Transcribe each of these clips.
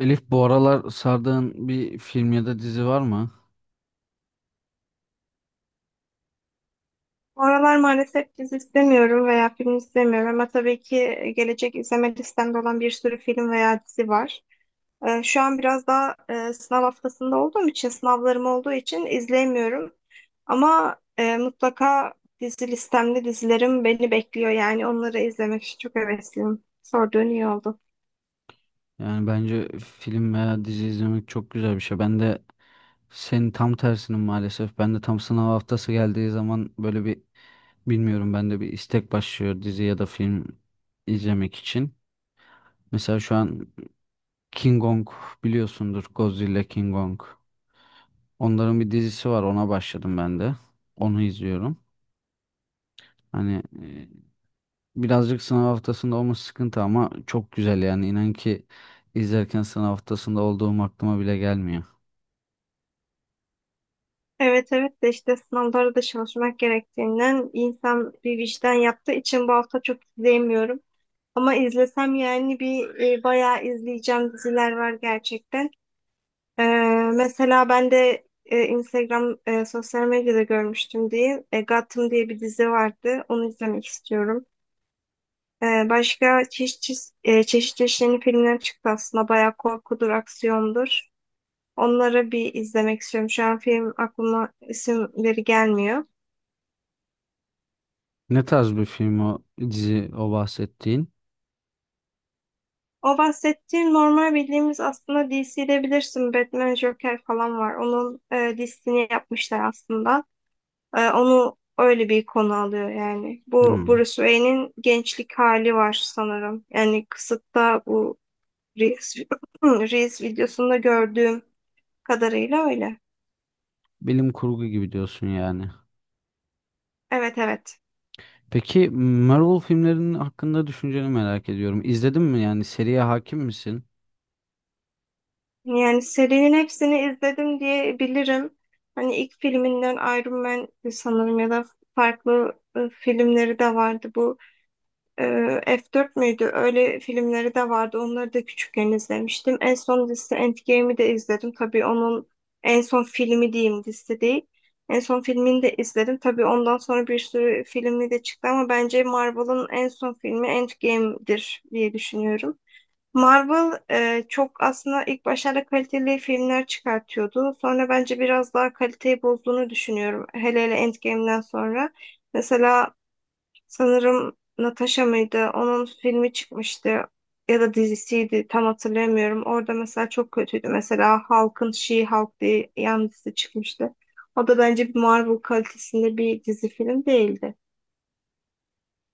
Elif, bu aralar sardığın bir film ya da dizi var mı? Bu aralar maalesef dizi istemiyorum veya film istemiyorum ama tabii ki gelecek izleme listemde olan bir sürü film veya dizi var. Şu an biraz daha sınav haftasında olduğum için, sınavlarım olduğu için izleyemiyorum. Ama mutlaka dizi listemde dizilerim beni bekliyor, yani onları izlemek için çok hevesliyim. Sorduğun iyi oldu. Yani bence film veya dizi izlemek çok güzel bir şey. Ben de senin tam tersinim maalesef. Ben de tam sınav haftası geldiği zaman böyle bir bilmiyorum, ben de bir istek başlıyor dizi ya da film izlemek için. Mesela şu an King Kong biliyorsundur, Godzilla, King Kong. Onların bir dizisi var, ona başladım ben de. Onu izliyorum. Hani e, Birazcık sınav haftasında olması sıkıntı ama çok güzel, yani inan ki izlerken sınav haftasında olduğum aklıma bile gelmiyor. Evet, evet, de işte sınavlara da çalışmak gerektiğinden insan bir vicdan yaptığı için bu hafta çok izleyemiyorum. Ama izlesem yani bir bayağı izleyeceğim diziler var gerçekten. Ee, Mesela ben de Instagram sosyal medyada görmüştüm diye Gotham diye bir dizi vardı. Onu izlemek istiyorum. Başka çeşit çeşit yeni filmler çıktı aslında. Bayağı korkudur, aksiyondur. Onları bir izlemek istiyorum. Şu an film aklıma isimleri gelmiyor. Ne tarz bir film o dizi, o bahsettiğin? O bahsettiğin normal bildiğimiz aslında DC'de bilirsin, Batman, Joker falan var. Onun dizisini yapmışlar aslında. Onu öyle bir konu alıyor yani. Bu Hmm. Bruce Wayne'in gençlik hali var sanırım. Yani kısıtta bu Reels, Reels videosunda gördüğüm kadarıyla öyle. Bilim kurgu gibi diyorsun yani. Evet, evet. Peki Marvel filmlerinin hakkında düşünceni merak ediyorum. İzledin mi, yani seriye hakim misin? Yani serinin hepsini izledim diye bilirim. Hani ilk filminden Iron Man sanırım ya da farklı filmleri de vardı. Bu Ee, F4 müydü? Öyle filmleri de vardı. Onları da küçükken izlemiştim. En son dizisi Endgame'i de izledim. Tabii onun en son filmi diyeyim, dizisi değil. En son filmini de izledim. Tabii ondan sonra bir sürü filmi de çıktı, ama bence Marvel'ın en son filmi Endgame'dir diye düşünüyorum. Marvel çok aslında ilk başlarda kaliteli filmler çıkartıyordu. Sonra bence biraz daha kaliteyi bozduğunu düşünüyorum. Hele hele Endgame'den sonra. Mesela sanırım Natasha mıydı? Onun filmi çıkmıştı ya da dizisiydi, tam hatırlamıyorum. Orada mesela çok kötüydü. Mesela Hulk'ın She-Hulk diye yan dizi çıkmıştı. O da bence bir Marvel kalitesinde bir dizi film değildi.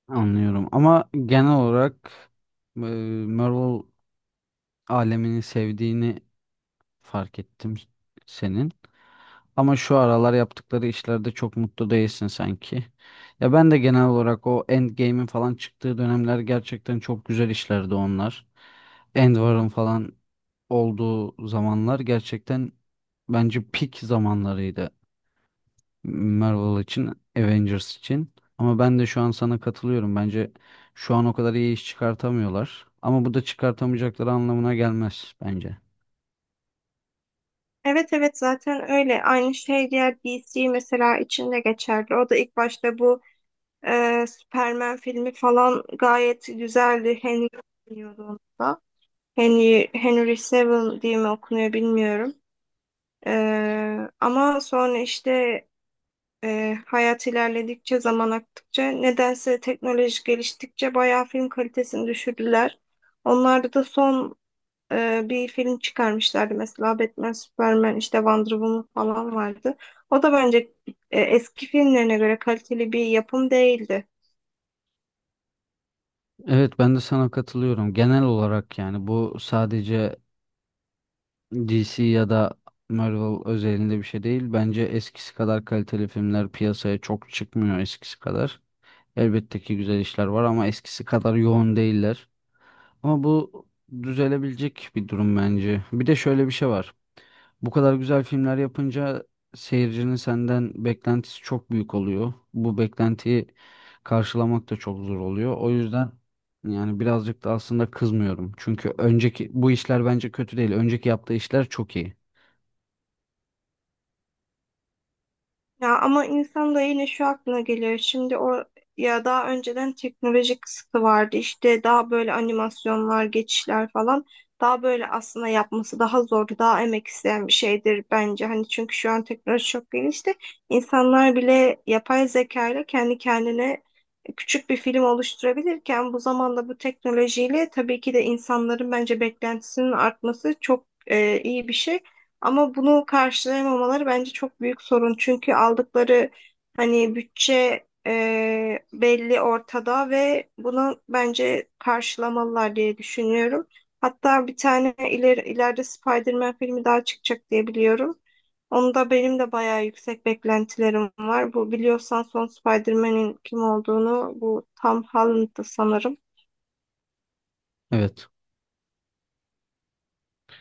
Anlıyorum ama genel olarak e, Marvel alemini sevdiğini fark ettim senin. Ama şu aralar yaptıkları işlerde çok mutlu değilsin sanki. Ya ben de genel olarak o Endgame'in falan çıktığı dönemler gerçekten çok güzel işlerdi onlar. Endvar'ın falan olduğu zamanlar gerçekten bence peak zamanlarıydı, Marvel için, Avengers için. Ama ben de şu an sana katılıyorum. Bence şu an o kadar iyi iş çıkartamıyorlar. Ama bu da çıkartamayacakları anlamına gelmez bence. Evet, evet, zaten öyle. Aynı şey diğer DC mesela içinde geçerli. O da ilk başta bu Superman filmi falan gayet güzeldi. Henry oynuyordu onda. Henry Cavill diye mi okunuyor bilmiyorum. Ama sonra işte hayat ilerledikçe, zaman aktıkça, nedense teknoloji geliştikçe bayağı film kalitesini düşürdüler. Onlarda da son bir film çıkarmışlardı. Mesela Batman, Superman, işte Wonder Woman falan vardı. O da bence eski filmlerine göre kaliteli bir yapım değildi. Evet, ben de sana katılıyorum. Genel olarak yani bu sadece DC ya da Marvel özelinde bir şey değil. Bence eskisi kadar kaliteli filmler piyasaya çok çıkmıyor, eskisi kadar. Elbette ki güzel işler var ama eskisi kadar yoğun değiller. Ama bu düzelebilecek bir durum bence. Bir de şöyle bir şey var. Bu kadar güzel filmler yapınca seyircinin senden beklentisi çok büyük oluyor. Bu beklentiyi karşılamak da çok zor oluyor. O yüzden yani birazcık da aslında kızmıyorum. Çünkü önceki bu işler bence kötü değil. Önceki yaptığı işler çok iyi. Ya ama insan da yine şu aklına geliyor. Şimdi o ya, daha önceden teknolojik kısıtı vardı. İşte daha böyle animasyonlar, geçişler falan. Daha böyle aslında yapması daha zordu. Daha emek isteyen bir şeydir bence. Hani çünkü şu an teknoloji çok gelişti. İnsanlar bile yapay zeka ile kendi kendine küçük bir film oluşturabilirken, bu zamanda bu teknolojiyle tabii ki de insanların bence beklentisinin artması çok iyi bir şey. Ama bunu karşılayamamaları bence çok büyük sorun. Çünkü aldıkları hani bütçe belli ortada ve bunu bence karşılamalılar diye düşünüyorum. Hatta bir tane ileride Spider-Man filmi daha çıkacak diye biliyorum. Onda benim de bayağı yüksek beklentilerim var. Bu biliyorsan son Spider-Man'in kim olduğunu, bu Tom Holland'dı sanırım. Evet.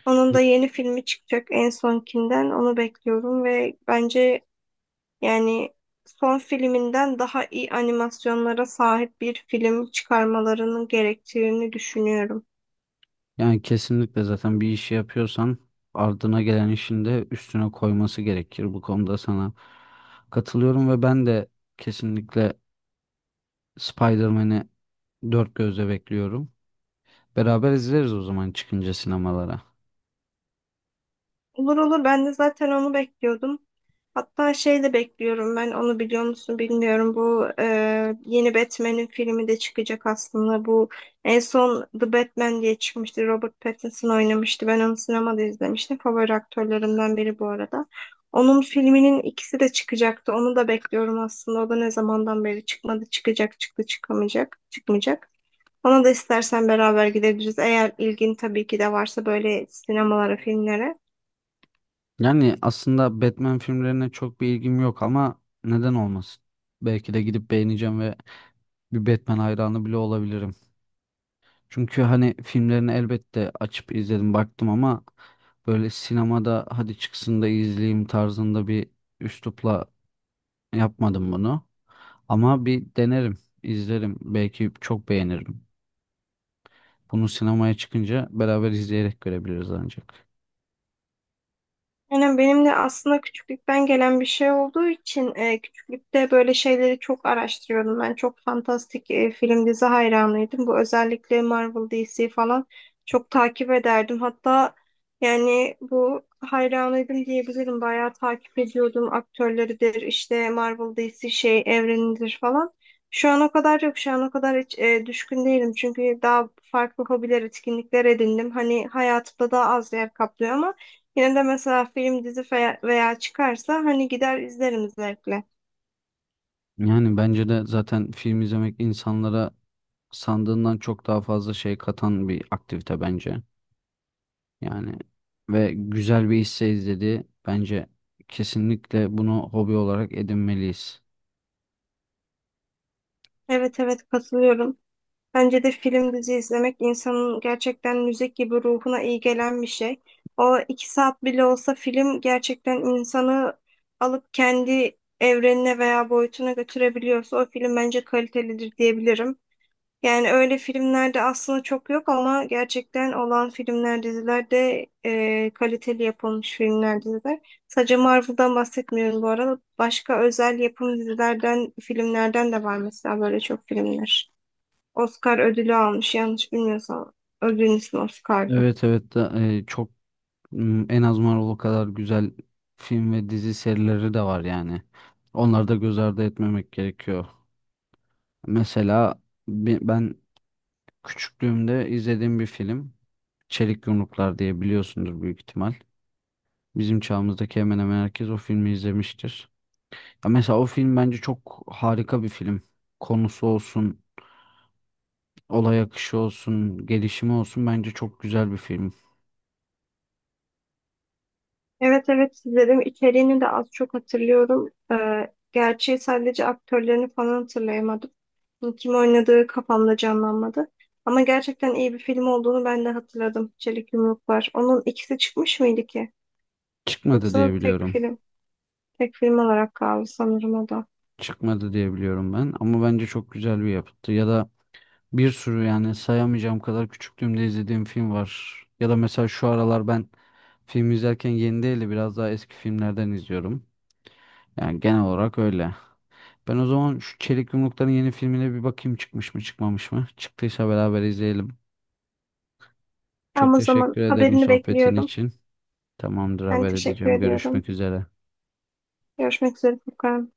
Onun da yeni filmi çıkacak en sonkinden. Onu bekliyorum ve bence yani son filminden daha iyi animasyonlara sahip bir film çıkarmalarının gerektiğini düşünüyorum. Yani kesinlikle zaten bir işi yapıyorsan ardına gelen işin de üstüne koyması gerekir. Bu konuda sana katılıyorum ve ben de kesinlikle Spider-Man'i dört gözle bekliyorum. Beraber izleriz o zaman çıkınca sinemalara. Olur, olur, ben de zaten onu bekliyordum. Hatta şey de bekliyorum ben, onu biliyor musun bilmiyorum. Bu yeni Batman'in filmi de çıkacak aslında. Bu en son The Batman diye çıkmıştı. Robert Pattinson oynamıştı. Ben onu sinemada izlemiştim. Favori aktörlerimden biri bu arada. Onun filminin ikisi de çıkacaktı. Onu da bekliyorum aslında. O da ne zamandan beri çıkmadı. Çıkacak, çıktı, çıkamayacak, çıkmayacak. Ona da istersen beraber gidebiliriz. Eğer ilgin tabii ki de varsa böyle sinemalara, filmlere. Yani aslında Batman filmlerine çok bir ilgim yok ama neden olmasın? Belki de gidip beğeneceğim ve bir Batman hayranı bile olabilirim. Çünkü hani filmlerini elbette açıp izledim, baktım ama böyle sinemada hadi çıksın da izleyeyim tarzında bir üslupla yapmadım bunu. Ama bir denerim, izlerim. Belki çok beğenirim. Bunu sinemaya çıkınca beraber izleyerek görebiliriz ancak. Yani benim de aslında küçüklükten gelen bir şey olduğu için küçüklükte böyle şeyleri çok araştırıyordum. Ben çok fantastik film dizi hayranıydım. Bu özellikle Marvel, DC falan çok takip ederdim. Hatta yani bu hayranıydım diyebilirim. Bayağı takip ediyordum, aktörleridir işte, Marvel, DC şey evrenidir falan. Şu an o kadar yok. Şu an o kadar hiç düşkün değilim. Çünkü daha farklı hobiler, etkinlikler edindim. Hani hayatımda daha az yer kaplıyor, ama yine de mesela film, dizi veya çıkarsa hani gider izlerim zevkle. Yani bence de zaten film izlemek insanlara sandığından çok daha fazla şey katan bir aktivite bence. Yani ve güzel bir hisse izledi. Bence kesinlikle bunu hobi olarak edinmeliyiz. Evet, evet, katılıyorum. Bence de film, dizi izlemek insanın gerçekten müzik gibi ruhuna iyi gelen bir şey. O iki saat bile olsa film gerçekten insanı alıp kendi evrenine veya boyutuna götürebiliyorsa, o film bence kalitelidir diyebilirim. Yani öyle filmlerde aslında çok yok ama gerçekten olan filmler, diziler de kaliteli yapılmış filmler, diziler. Sadece Marvel'dan bahsetmiyorum bu arada. Başka özel yapım dizilerden, filmlerden de var mesela, böyle çok filmler. Oscar ödülü almış yanlış bilmiyorsam. Ödülün ismi Oscar'dı. Evet, evet da, çok en az Marvel kadar güzel film ve dizi serileri de var yani. Onları da göz ardı etmemek gerekiyor. Mesela ben küçüklüğümde izlediğim bir film, Çelik Yumruklar, diye biliyorsundur büyük ihtimal. Bizim çağımızdaki hemen hemen herkes o filmi izlemiştir. Ya mesela o film bence çok harika bir film. Konusu olsun, olay akışı olsun, gelişimi olsun bence çok güzel bir film. Evet, evet, izledim. İçeriğini de az çok hatırlıyorum. Gerçi sadece aktörlerini falan hatırlayamadım. Kim oynadığı kafamda canlanmadı. Ama gerçekten iyi bir film olduğunu ben de hatırladım. Çelik Yumruklar. Onun ikisi çıkmış mıydı ki? Çıkmadı diye Yoksa biliyorum. Tek film olarak kaldı sanırım o da. Çıkmadı diye biliyorum ben ama bence çok güzel bir yapıttı. Ya da bir sürü, yani sayamayacağım kadar küçüklüğümde izlediğim film var. Ya da mesela şu aralar ben film izlerken yeni değil de biraz daha eski filmlerden izliyorum. Yani genel olarak öyle. Ben o zaman şu Çelik Yumrukların yeni filmine bir bakayım, çıkmış mı çıkmamış mı? Çıktıysa beraber izleyelim. Çok Ama o zaman teşekkür ederim haberini sohbetin bekliyorum. için. Tamamdır, Ben haber teşekkür edeceğim. ediyorum. Görüşmek üzere. Görüşmek üzere Furkan.